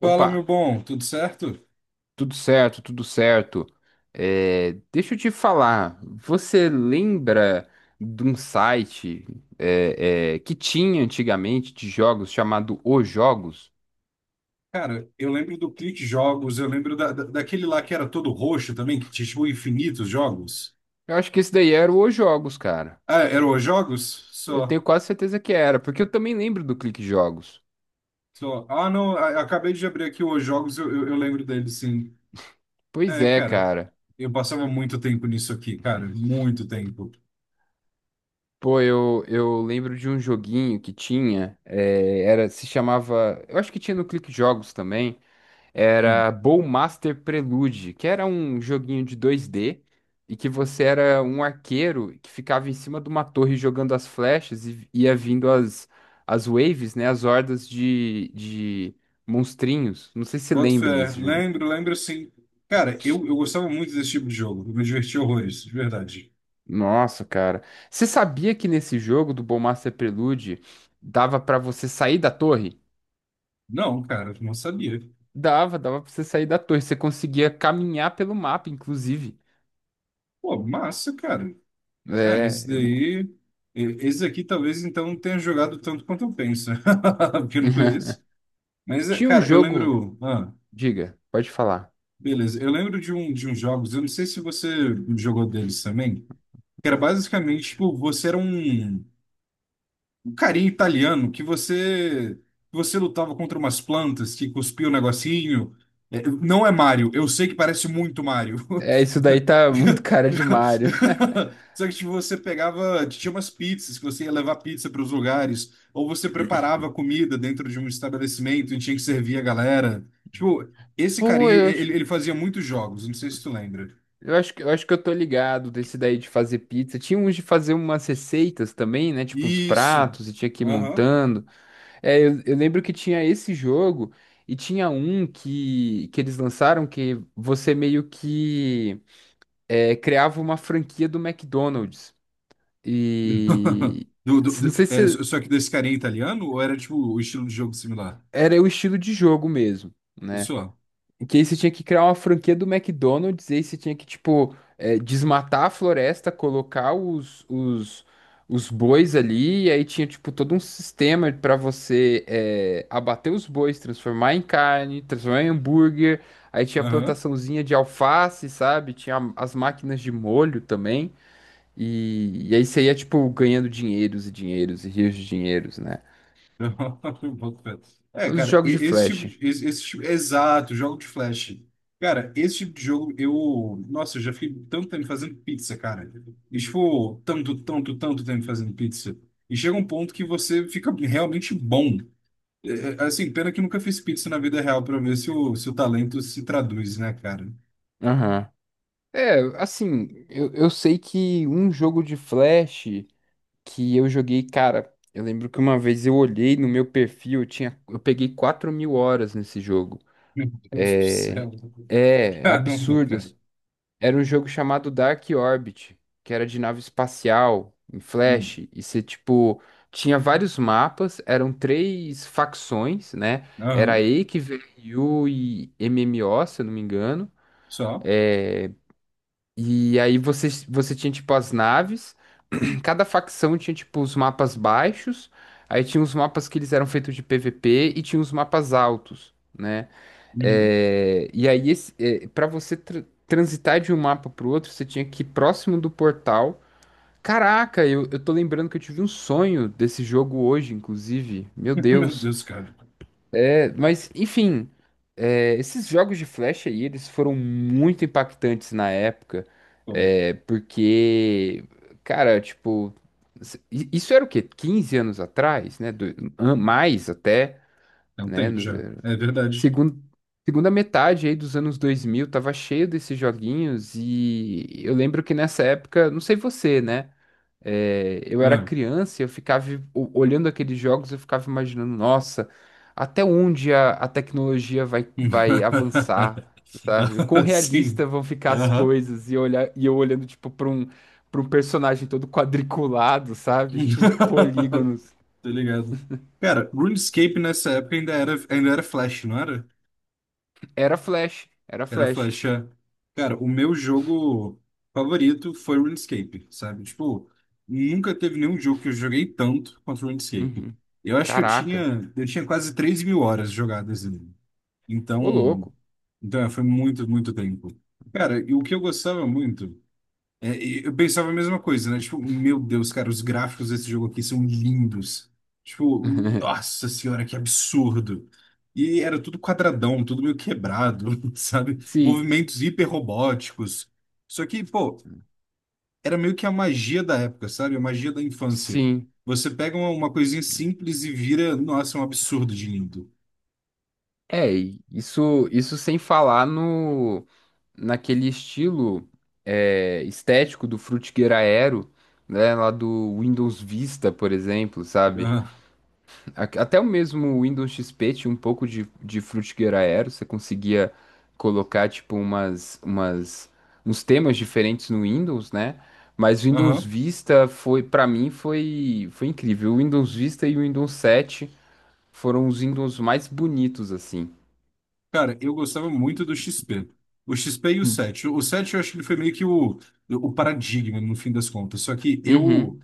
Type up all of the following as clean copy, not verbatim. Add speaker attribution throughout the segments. Speaker 1: Fala, meu
Speaker 2: Opa,
Speaker 1: bom, tudo certo?
Speaker 2: tudo certo, tudo certo. É, deixa eu te falar, você lembra de um site que tinha antigamente de jogos chamado Os Jogos?
Speaker 1: Cara, eu lembro do Clique Jogos, eu lembro daquele lá que era todo roxo também, que tinha tipo, infinitos jogos.
Speaker 2: Eu acho que esse daí era o Os Jogos, cara.
Speaker 1: Ah, era os jogos?
Speaker 2: Eu
Speaker 1: Só,
Speaker 2: tenho quase certeza que era, porque eu também lembro do Clique Jogos.
Speaker 1: só. Ah, não, acabei de abrir aqui os jogos, eu lembro dele, sim.
Speaker 2: Pois
Speaker 1: É,
Speaker 2: é,
Speaker 1: cara,
Speaker 2: cara.
Speaker 1: eu passava muito tempo nisso aqui, cara, muito tempo.
Speaker 2: Pô, eu lembro de um joguinho que tinha, se chamava, eu acho que tinha no Clique Jogos também.
Speaker 1: Hum.
Speaker 2: Era Bowmaster Prelude, que era um joguinho de 2D e que você era um arqueiro que ficava em cima de uma torre jogando as flechas e ia vindo as waves, né? As hordas de monstrinhos. Não sei se você
Speaker 1: Boto
Speaker 2: lembra
Speaker 1: fé,
Speaker 2: desse jogo.
Speaker 1: lembro, lembro sim. Cara, eu gostava muito desse tipo de jogo, eu me divertia horrores, de verdade.
Speaker 2: Nossa, cara. Você sabia que nesse jogo do Bowmaster Prelude dava pra você sair da torre?
Speaker 1: Não, cara, não sabia.
Speaker 2: Dava pra você sair da torre. Você conseguia caminhar pelo mapa, inclusive.
Speaker 1: Pô, massa, cara. É,
Speaker 2: É.
Speaker 1: esse daí. Esse aqui talvez então não tenha jogado tanto quanto eu penso, porque eu não conheço. Mas, é,
Speaker 2: Tinha um
Speaker 1: cara, eu
Speaker 2: jogo.
Speaker 1: lembro. Ah,
Speaker 2: Diga, pode falar.
Speaker 1: beleza. Eu lembro de um de uns jogos, eu não sei se você jogou deles também, que era basicamente, tipo, você era um. Um carinha italiano que você lutava contra umas plantas que cuspia o negocinho. É, não é Mario, eu sei que parece muito Mario.
Speaker 2: É, isso daí tá muito cara de Mario.
Speaker 1: Só que tipo, você pegava, tinha umas pizzas que você ia levar pizza para os lugares, ou você preparava comida dentro de um estabelecimento e tinha que servir a galera. Tipo, esse
Speaker 2: Pô,
Speaker 1: carinha,
Speaker 2: eu acho,
Speaker 1: ele fazia muitos jogos, não sei se tu lembra.
Speaker 2: eu acho que eu tô ligado desse daí de fazer pizza. Tinha uns de fazer umas receitas também, né? Tipo uns
Speaker 1: Isso.
Speaker 2: pratos e tinha que ir
Speaker 1: Aham.
Speaker 2: montando. É, eu lembro que tinha esse jogo e tinha um que eles lançaram que você meio que criava uma franquia do McDonald's. E não sei se
Speaker 1: Só que desse carinha italiano ou era tipo o estilo de jogo similar?
Speaker 2: era o estilo de jogo mesmo, né?
Speaker 1: Só.
Speaker 2: Que aí você tinha que criar uma franquia do McDonald's, e aí você tinha que, tipo, desmatar a floresta, colocar os bois ali, e aí tinha, tipo, todo um sistema pra você abater os bois, transformar em carne, transformar em hambúrguer, aí tinha a
Speaker 1: Aham.
Speaker 2: plantaçãozinha de alface, sabe? Tinha as máquinas de molho também, e aí você ia, tipo, ganhando dinheiros e dinheiros e rios de dinheiros, né?
Speaker 1: Boto fé. É,
Speaker 2: Os
Speaker 1: cara,
Speaker 2: jogos de
Speaker 1: esse tipo
Speaker 2: flash.
Speaker 1: de, esse tipo, exato, jogo de flash. Cara, esse tipo de jogo eu, nossa, eu já fiquei tanto tempo fazendo pizza, cara. E tipo, tanto, tanto, tanto tempo fazendo pizza. E chega um ponto que você fica realmente bom. Assim, pena que eu nunca fiz pizza na vida real pra ver se o talento se traduz, né, cara?
Speaker 2: Aham. É, assim, eu sei que um jogo de Flash que eu joguei, cara, eu lembro que uma vez eu olhei no meu perfil, eu tinha, eu peguei 4.000 horas nesse jogo.
Speaker 1: Meu Deus do
Speaker 2: É,
Speaker 1: céu.
Speaker 2: é
Speaker 1: Caramba,
Speaker 2: absurdo,
Speaker 1: cara.
Speaker 2: assim. Era um jogo chamado Dark Orbit, que era de nave espacial, em Flash,
Speaker 1: Hum.
Speaker 2: e você, tipo, tinha vários mapas, eram três facções, né? Era
Speaker 1: Aham,
Speaker 2: EIC, VRU e MMO, se eu não me engano.
Speaker 1: só.
Speaker 2: É, e aí você tinha, tipo, as naves, cada facção tinha, tipo, os mapas baixos, aí tinha os mapas que eles eram feitos de PVP e tinha os mapas altos, né?
Speaker 1: Uhum.
Speaker 2: É, e aí, para você transitar de um mapa pro outro, você tinha que ir próximo do portal. Caraca, eu tô lembrando que eu tive um sonho desse jogo hoje, inclusive. Meu
Speaker 1: Meu
Speaker 2: Deus.
Speaker 1: Deus, cara.
Speaker 2: É, mas, enfim, esses jogos de flash aí, eles foram muito impactantes na época,
Speaker 1: Pô,
Speaker 2: porque, cara, tipo, isso era o quê? 15 anos atrás, né? Mais até,
Speaker 1: é um
Speaker 2: né?
Speaker 1: tempo já. É verdade.
Speaker 2: Segundo, segunda metade aí dos anos 2000 tava cheio desses joguinhos e eu lembro que nessa época, não sei você, né? É, eu era
Speaker 1: Ah.
Speaker 2: criança, e eu ficava olhando aqueles jogos, eu ficava imaginando, nossa, até onde a tecnologia vai avançar, sabe? O quão
Speaker 1: Ah,
Speaker 2: realista
Speaker 1: sim.
Speaker 2: vão ficar as
Speaker 1: Aham.
Speaker 2: coisas e eu olhar e eu olhando tipo para um personagem todo quadriculado, sabe? E polígonos.
Speaker 1: Tô ligado. Cara, RuneScape nessa época ainda era Flash, não era?
Speaker 2: Era Flash, era
Speaker 1: Era
Speaker 2: Flash.
Speaker 1: flecha. Cara, o meu jogo favorito foi RuneScape, sabe? Tipo, nunca teve nenhum jogo que eu joguei tanto quanto RuneScape.
Speaker 2: Uhum.
Speaker 1: Eu acho que
Speaker 2: Caraca,
Speaker 1: eu tinha quase 3.000 horas jogadas nele.
Speaker 2: ô
Speaker 1: Então,
Speaker 2: louco.
Speaker 1: então é, foi muito, muito tempo. Cara, e o que eu gostava muito é, e eu pensava a mesma coisa, né? Tipo, meu Deus, cara, os gráficos desse jogo aqui são lindos. Tipo, nossa senhora, que absurdo. E era tudo quadradão, tudo meio quebrado, sabe?
Speaker 2: Sim,
Speaker 1: Movimentos hiperrobóticos. Só que, pô, era meio que a magia da época, sabe? A magia da infância.
Speaker 2: sim.
Speaker 1: Você pega uma coisinha simples e vira, nossa, um absurdo de lindo.
Speaker 2: É, e isso sem falar no naquele estilo estético do Frutiger Aero, né, lá do Windows Vista, por exemplo, sabe? Até o mesmo Windows XP tinha um pouco de Frutiger Aero, você conseguia colocar, tipo, uns temas diferentes no Windows, né? Mas o
Speaker 1: Ah,
Speaker 2: Windows
Speaker 1: aham.
Speaker 2: Vista foi, para mim, foi incrível. O Windows Vista e o Windows 7 foram os Windows mais bonitos, assim.
Speaker 1: Cara, eu gostava muito do XP. O XP e o 7. O 7 eu acho que ele foi meio que o paradigma, no fim das contas. Só que
Speaker 2: Uhum,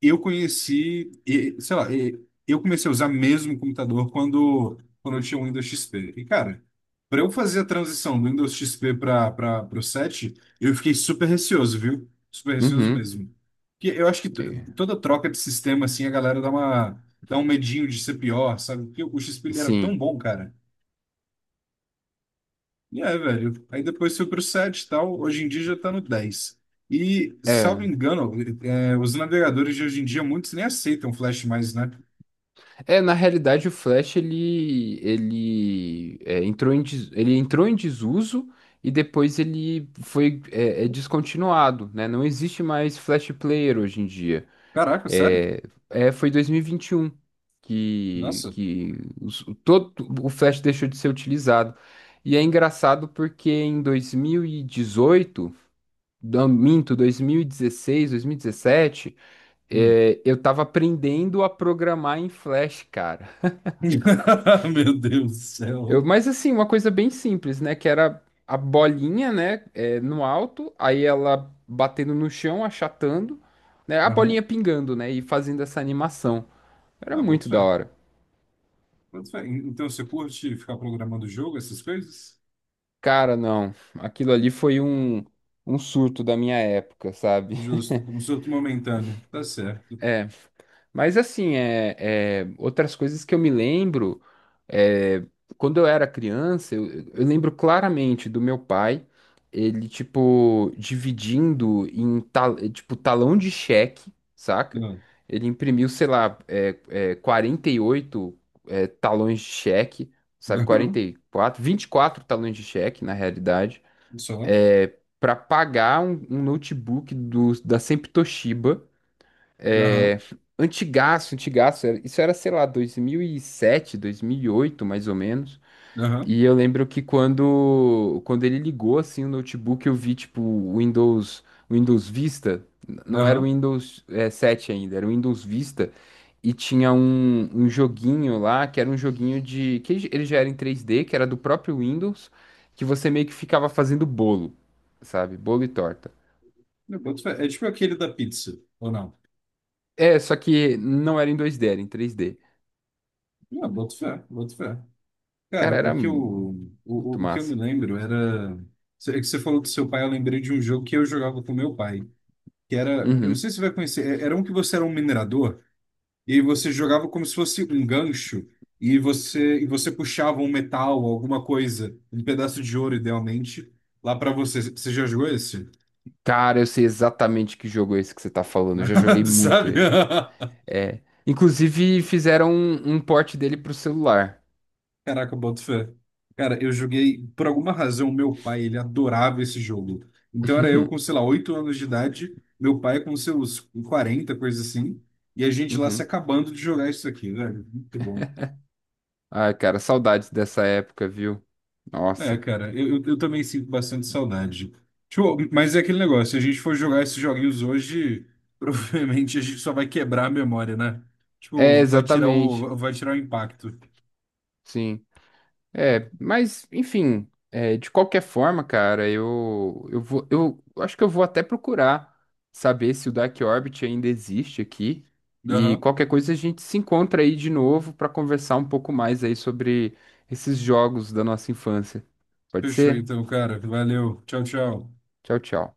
Speaker 1: eu conheci, e, sei lá, e, eu comecei a usar mesmo o computador quando eu tinha o Windows XP. E, cara, para eu fazer a transição do Windows XP para o 7, eu fiquei super receoso, viu? Super receoso
Speaker 2: uhum.
Speaker 1: mesmo. Porque eu acho que
Speaker 2: É,
Speaker 1: toda troca de sistema, assim, a galera dá um medinho de ser pior, sabe? Porque o XP ele era tão
Speaker 2: sim.
Speaker 1: bom, cara. E é, velho. Aí depois foi pro 7 e tal. Hoje em dia já tá no 10. E, salvo
Speaker 2: É.
Speaker 1: engano, é, os navegadores de hoje em dia, muitos nem aceitam Flash mais, né?
Speaker 2: É, na realidade o Flash ele entrou em des- ele entrou em desuso e depois ele foi descontinuado, né? Não existe mais Flash Player hoje em dia.
Speaker 1: Caraca, sério?
Speaker 2: É, foi 2021 que
Speaker 1: Nossa.
Speaker 2: que todo o Flash deixou de ser utilizado. E é engraçado porque em 2018, não, minto, 2016, 2017.
Speaker 1: Hum.
Speaker 2: É, eu tava aprendendo a programar em Flash, cara.
Speaker 1: Meu Deus do
Speaker 2: Eu,
Speaker 1: céu.
Speaker 2: mas assim, uma coisa bem simples, né? Que era a bolinha, né? No alto, aí ela batendo no chão, achatando, né? A bolinha
Speaker 1: Aham.
Speaker 2: pingando, né? E fazendo essa animação. Era
Speaker 1: Ah, boto
Speaker 2: muito da
Speaker 1: fé.
Speaker 2: hora.
Speaker 1: Boto fé. Então você curte ficar programando o jogo, essas coisas?
Speaker 2: Cara, não. Aquilo ali foi um surto da minha época, sabe?
Speaker 1: Justo, um surto momentâneo. Tá certo.
Speaker 2: É. Mas assim, outras coisas que eu me lembro, é, quando eu era criança, eu lembro claramente do meu pai, ele, tipo, dividindo em, tal, tipo, talão de cheque, saca?
Speaker 1: Aham.
Speaker 2: Ele imprimiu, sei lá, 48 talões de cheque, sabe? quarenta
Speaker 1: Aham.
Speaker 2: e quatro 24 talões de cheque, na realidade,
Speaker 1: Só.
Speaker 2: é, para pagar um notebook da Sempre Toshiba,
Speaker 1: Aham.
Speaker 2: é, antigaço, antigaço. Isso era, sei lá, dois mil e sete, 2008, mais ou menos.
Speaker 1: Aham.
Speaker 2: E eu lembro que quando ele ligou, assim, o notebook, eu vi, tipo, o Windows Vista. Não era o
Speaker 1: Aham.
Speaker 2: Windows, 7 ainda, era o Windows Vista. E tinha um joguinho lá, que era um joguinho de... que ele já era em três d, que era do próprio Windows, que você meio que ficava fazendo bolo, sabe? Bolo e torta.
Speaker 1: Eu boto fé. É tipo aquele da pizza, ou não?
Speaker 2: É, só que não era em dois d, era em três d.
Speaker 1: Ah, boto fé, boto fé. Cara,
Speaker 2: Cara, era muito
Speaker 1: o que eu me
Speaker 2: massa.
Speaker 1: lembro era. É que você falou do seu pai, eu lembrei de um jogo que eu jogava com meu pai. Que era. Eu não
Speaker 2: Uhum.
Speaker 1: sei se você vai conhecer. Era um que você era um minerador, e aí você jogava como se fosse um gancho, e e você puxava um metal, alguma coisa, um pedaço de ouro, idealmente, lá pra você. Você já jogou esse?
Speaker 2: Cara, eu sei exatamente que jogo é esse que você tá falando. Eu já joguei muito
Speaker 1: Sabe?
Speaker 2: ele. É. Inclusive, fizeram um port dele pro celular.
Speaker 1: Caraca, boto fé. Cara, eu joguei, por alguma razão, meu pai, ele adorava esse jogo. Então era eu com, sei lá, 8 anos de idade, meu pai com seus 40 coisa assim, e a gente lá se
Speaker 2: Uhum.
Speaker 1: acabando de jogar isso aqui, velho. Muito bom.
Speaker 2: Ai, cara, saudades dessa época, viu?
Speaker 1: É,
Speaker 2: Nossa.
Speaker 1: cara, eu também sinto bastante saudade. Tipo, mas é aquele negócio, se a gente for jogar esses joguinhos hoje, provavelmente a gente só vai quebrar a memória, né?
Speaker 2: É,
Speaker 1: Tipo,
Speaker 2: exatamente.
Speaker 1: vai tirar o impacto.
Speaker 2: Sim. É, mas, enfim, de qualquer forma, cara, eu vou, eu acho que eu vou até procurar saber se o Dark Orbit ainda existe aqui. E
Speaker 1: Aham.
Speaker 2: qualquer coisa a gente se encontra aí de novo para conversar um pouco mais aí sobre esses jogos da nossa infância. Pode
Speaker 1: Fechou
Speaker 2: ser?
Speaker 1: então, cara. Valeu. Tchau, tchau.
Speaker 2: Tchau, tchau.